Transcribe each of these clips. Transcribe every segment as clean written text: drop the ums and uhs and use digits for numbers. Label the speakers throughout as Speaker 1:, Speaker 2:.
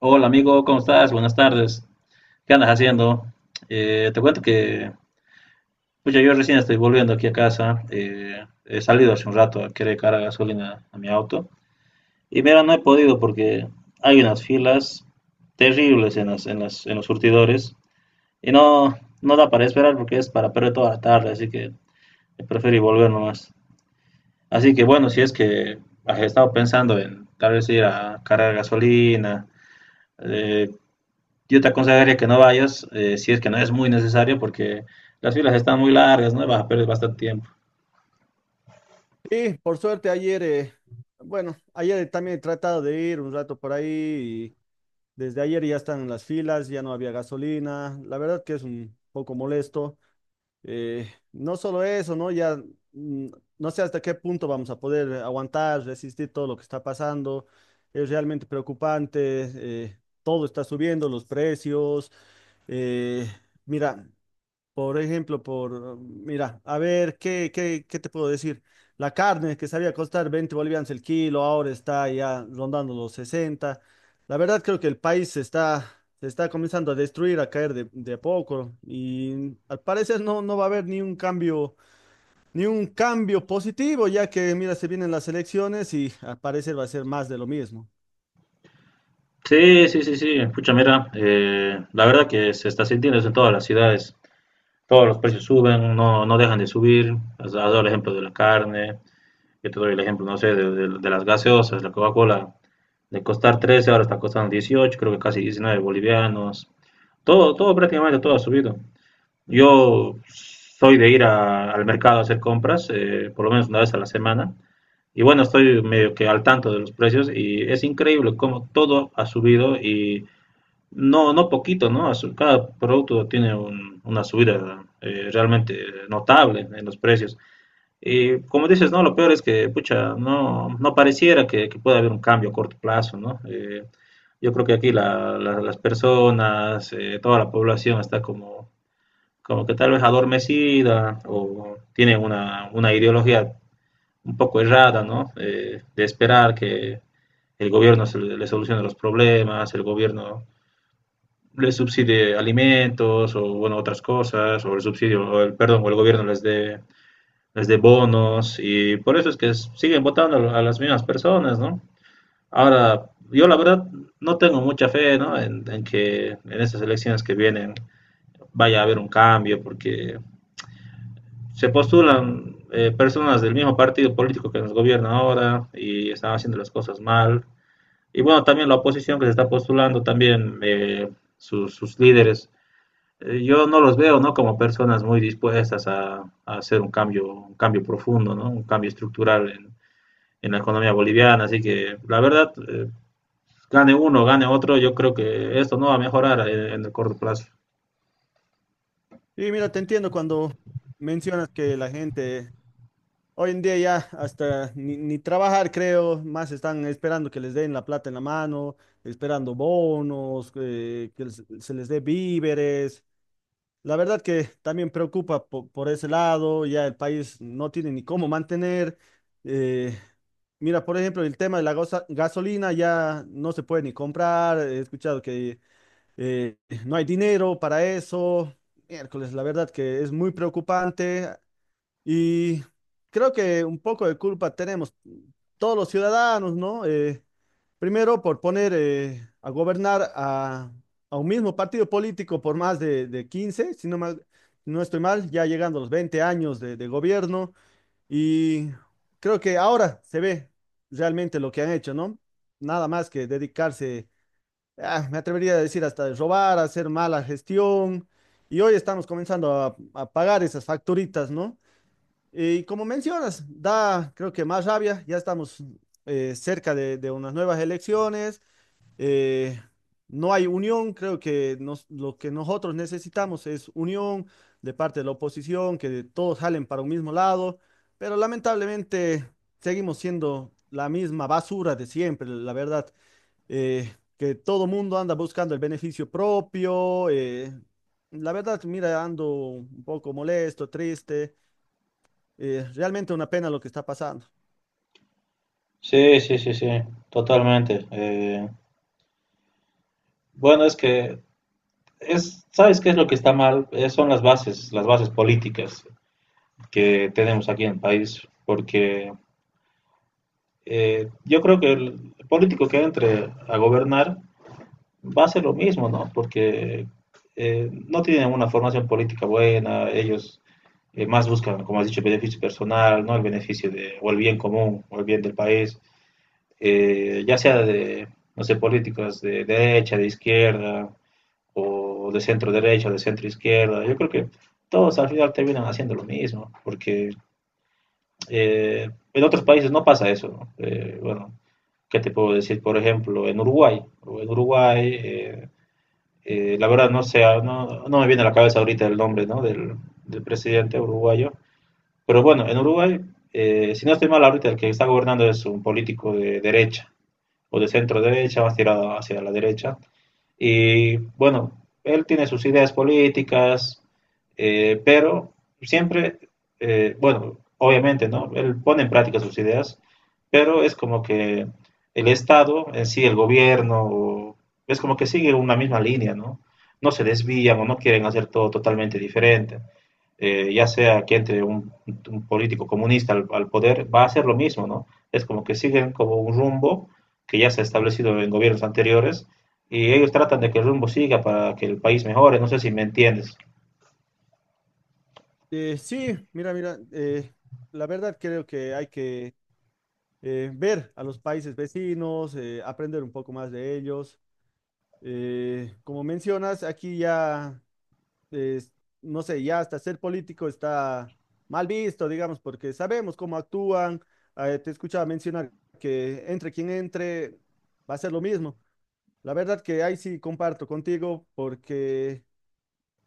Speaker 1: Hola amigo, ¿cómo estás? Buenas tardes. ¿Qué andas haciendo? Te cuento que pucha, yo recién estoy volviendo aquí a casa. He salido hace un rato a querer cargar gasolina a mi auto. Y mira, no he podido porque hay unas filas terribles en los surtidores. Y no, no da para esperar porque es para perder toda la tarde. Así que prefiero volver nomás. Así que bueno, si es que has estado pensando en tal vez ir a cargar gasolina, eh, yo te aconsejaría que no vayas, si es que no es muy necesario, porque las filas están muy largas, ¿no? Vas a perder bastante tiempo.
Speaker 2: Sí, por suerte ayer, bueno, ayer también he tratado de ir un rato por ahí y desde ayer ya están las filas, ya no había gasolina, la verdad que es un poco molesto. No solo eso, ¿no? Ya mm, no sé hasta qué punto vamos a poder aguantar, resistir todo lo que está pasando, es realmente preocupante. Todo está subiendo, los precios. eh, Mira, por ejemplo, mira, a ver, ¿qué te puedo decir? La carne que sabía costar 20 bolivianos el kilo, ahora está ya rondando los 60. La verdad creo que el país se está comenzando a destruir, a caer de a poco y al parecer no va a haber ni un cambio positivo, ya que, mira, se vienen las elecciones y al parecer va a ser más de lo mismo.
Speaker 1: Sí, sí, sí, sí. Pucha, mira, la verdad que se está sintiendo eso en todas las ciudades. Todos los precios suben, no, no dejan de subir. Has dado el ejemplo de la carne, yo te doy el ejemplo, no sé, de las gaseosas. La Coca-Cola, de costar 13, ahora está costando 18, creo que casi 19 bolivianos. Todo, todo, prácticamente todo ha subido. Yo soy de ir al mercado a hacer compras, por lo menos una vez a la semana. Y bueno, estoy medio que al tanto de los precios y es increíble cómo todo ha subido y no, no poquito, ¿no? Cada producto tiene una subida realmente notable en los precios. Y como dices, ¿no? Lo peor es que, pucha, no, no pareciera que pueda haber un cambio a corto plazo, ¿no? Yo creo que aquí las personas, toda la población está como que tal vez adormecida, o tiene una ideología un poco errada, ¿no? De esperar que el gobierno se le solucione los problemas, el gobierno les subsidie alimentos o bueno otras cosas, o el subsidio o el perdón, o el gobierno les dé bonos, y por eso es que siguen votando a las mismas personas, ¿no? Ahora, yo la verdad no tengo mucha fe, ¿no? En que en estas elecciones que vienen vaya a haber un cambio, porque se postulan, personas del mismo partido político que nos gobierna ahora y están haciendo las cosas mal. Y bueno, también la oposición que se está postulando, también, líderes, yo no los veo, ¿no? Como personas muy dispuestas hacer un cambio profundo, ¿no? Un cambio estructural en la economía boliviana. Así que la verdad, gane uno, gane otro, yo creo que esto no va a mejorar en el corto plazo.
Speaker 2: Y mira, te entiendo cuando mencionas que la gente hoy en día ya hasta ni trabajar, creo, más están esperando que les den la plata en la mano, esperando bonos, que se les dé víveres. La verdad que también preocupa por ese lado, ya el país no tiene ni cómo mantener. eh, Mira, por ejemplo, el tema de la gasolina ya no se puede ni comprar, he escuchado que eh, no hay dinero para eso. Miércoles, la verdad que es muy preocupante. Y creo que un poco de culpa tenemos todos los ciudadanos, ¿no? Primero por poner a gobernar a un mismo partido político por más de 15, no estoy mal, ya llegando a los 20 años de gobierno. Y creo que ahora se ve realmente lo que han hecho, ¿no? Nada más que dedicarse, ah, me atrevería a decir, hasta de robar, hacer mala gestión. Y hoy estamos comenzando a pagar esas facturitas, ¿no? Y como mencionas, da, creo que más rabia. Ya estamos cerca de unas nuevas elecciones. eh, no hay unión, creo que lo que nosotros necesitamos es unión de parte de la oposición, que todos jalen para un mismo lado, pero lamentablemente seguimos siendo la misma basura de siempre, la verdad, que todo mundo anda buscando el beneficio propio. La verdad, mira, ando un poco molesto, triste. Realmente una pena lo que está pasando.
Speaker 1: Sí, sí, sí, sí, totalmente. Bueno, es que ¿sabes qué es lo que está mal? Son las bases políticas que tenemos aquí en el país, porque yo creo que el político que entre a gobernar va a hacer lo mismo, ¿no? Porque no tienen una formación política buena. Ellos más buscan, como has dicho, el beneficio personal, ¿no? El beneficio de, o el bien común, o el bien del país, ya sea de, no sé, políticas de derecha, de izquierda, o de centro derecha, o de centro izquierda. Yo creo que todos al final terminan haciendo lo mismo, porque en otros países no pasa eso, ¿no? Bueno, ¿qué te puedo decir? Por ejemplo, en Uruguay, la verdad no sé, no, no, me viene a la cabeza ahorita el nombre, ¿no? Del presidente uruguayo, pero bueno, en Uruguay, si no estoy mal ahorita, el que está gobernando es un político de derecha o de centro derecha, más tirado hacia la derecha. Y bueno, él tiene sus ideas políticas, pero siempre, bueno, obviamente, ¿no? Él pone en práctica sus ideas, pero es como que el Estado en sí, el gobierno, es como que sigue una misma línea, ¿no? No se desvían o no quieren hacer todo totalmente diferente, ya sea que entre un político comunista al poder, va a hacer lo mismo, ¿no? Es como que siguen como un rumbo que ya se ha establecido en gobiernos anteriores, y ellos tratan de que el rumbo siga para que el país mejore, no sé si me entiendes.
Speaker 2: Sí, mira, mira, la verdad creo que hay que ver a los países vecinos, aprender un poco más de ellos. Como mencionas, aquí ya, eh, no sé, ya hasta ser político está mal visto, digamos, porque sabemos cómo actúan. Te escuchaba mencionar que entre quien entre va a ser lo mismo. La verdad que ahí sí comparto contigo porque...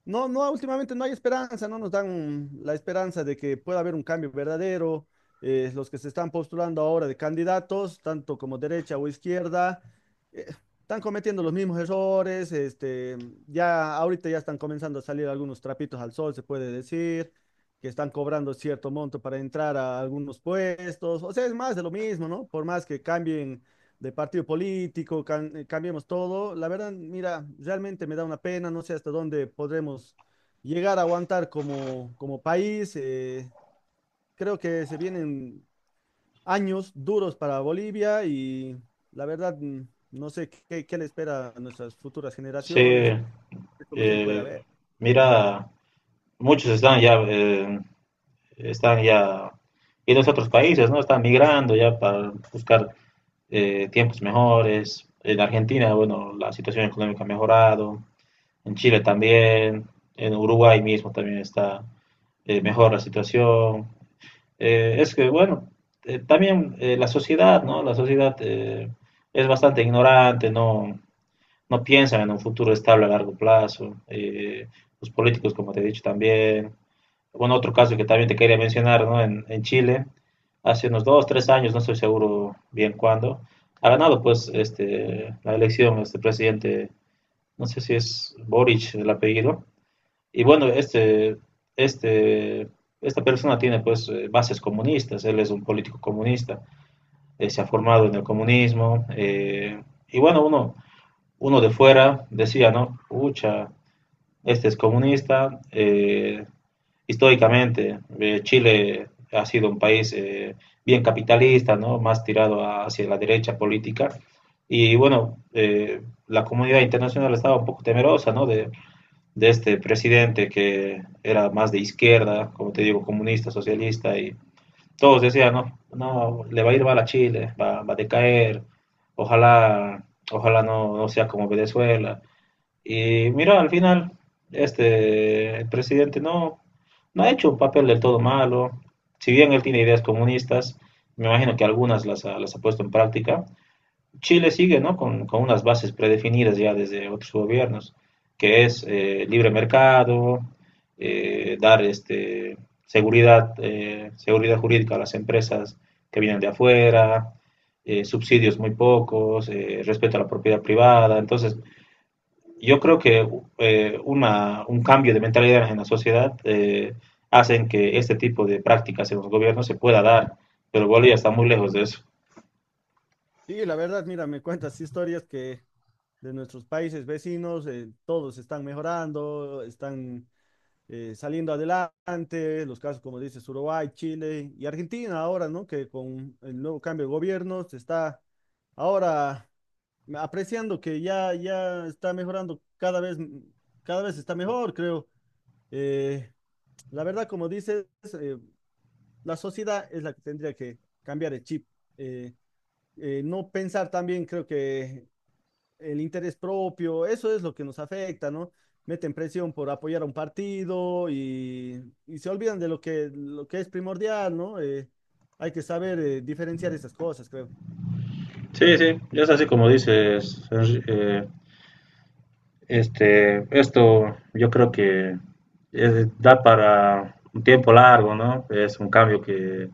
Speaker 2: No, no, últimamente no hay esperanza, no nos dan la esperanza de que pueda haber un cambio verdadero. Los que se están postulando ahora de candidatos, tanto como derecha o izquierda, eh, están cometiendo los mismos errores. Este, ya ahorita ya están comenzando a salir algunos trapitos al sol, se puede decir, que están cobrando cierto monto para entrar a algunos puestos. O sea, es más de lo mismo, ¿no? Por más que cambien de partido político, cambiemos todo. La verdad, mira, realmente me da una pena, no sé hasta dónde podremos llegar a aguantar como país. Creo que se vienen años duros para Bolivia y la verdad, no sé qué le espera a nuestras futuras
Speaker 1: Sí,
Speaker 2: generaciones, qué solución puede
Speaker 1: eh,
Speaker 2: haber.
Speaker 1: mira, muchos están ya yendo a otros países, ¿no? Están migrando ya para buscar, tiempos mejores. En Argentina, bueno, la situación económica ha mejorado, en Chile también, en Uruguay mismo también está, mejor la situación. Es que, bueno, también, la sociedad, ¿no? La sociedad, es bastante ignorante, no, no piensan en un futuro estable a largo plazo. Los políticos, como te he dicho también. Bueno, otro caso que también te quería mencionar, ¿no? En Chile, hace unos 2, 3 años, no estoy seguro bien cuándo, ha ganado pues este, la elección, este presidente, no sé si es Boric el apellido, y bueno, este, esta persona tiene, pues, bases comunistas, él es un político comunista, se ha formado en el comunismo, y bueno, uno de fuera decía, ¿no? Ucha, este es comunista, históricamente, Chile ha sido un país, bien capitalista, ¿no? Más tirado hacia la derecha política. Y bueno, la comunidad internacional estaba un poco temerosa, ¿no? De este presidente que era más de izquierda, como te digo, comunista, socialista, y todos decían, no, no, le va a ir mal a Chile, va a decaer, ojalá, ojalá no, no sea como Venezuela. Y mira, al final, este, el presidente no, no ha hecho un papel del todo malo; si bien él tiene ideas comunistas, me imagino que algunas las ha puesto en práctica, Chile sigue, ¿no? Con unas bases predefinidas ya desde otros gobiernos, que es, libre mercado, dar este, seguridad, seguridad jurídica a las empresas que vienen de afuera, subsidios muy pocos, respeto a la propiedad privada. Entonces, yo creo que, un cambio de mentalidad en la sociedad, hacen que este tipo de prácticas en los gobiernos se pueda dar, pero Bolivia está muy lejos de eso.
Speaker 2: Sí, la verdad, mira, me cuentas historias que de nuestros países vecinos, todos están mejorando, están saliendo adelante, los casos como dices, Uruguay, Chile y Argentina ahora, ¿no? Que con el nuevo cambio de gobierno se está ahora apreciando que ya está mejorando cada vez está mejor, creo. Eh, la verdad, como dices, eh, la sociedad es la que tendría que cambiar el chip. Eh, no pensar también, creo que el interés propio, eso es lo que nos afecta, ¿no? Meten presión por apoyar a un partido y se olvidan de lo que es primordial, ¿no? Hay que saber diferenciar esas cosas, creo.
Speaker 1: Sí, sí, es así como dices. Esto yo creo que da para un tiempo largo, ¿no? Es un cambio que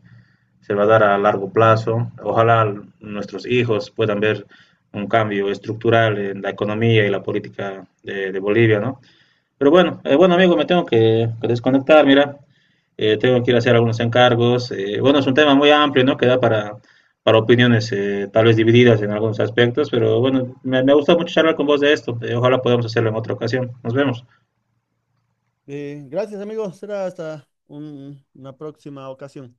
Speaker 1: se va a dar a largo plazo. Ojalá nuestros hijos puedan ver un cambio estructural en la economía y la política de Bolivia, ¿no? Pero bueno, bueno amigo, me tengo que desconectar, mira, tengo que ir a hacer algunos encargos. Bueno, es un tema muy amplio, ¿no? Que da para opiniones, tal vez divididas en algunos aspectos, pero bueno, me gusta mucho charlar con vos de esto. Ojalá podamos hacerlo en otra ocasión. Nos vemos.
Speaker 2: Gracias, amigos. Será hasta una próxima ocasión.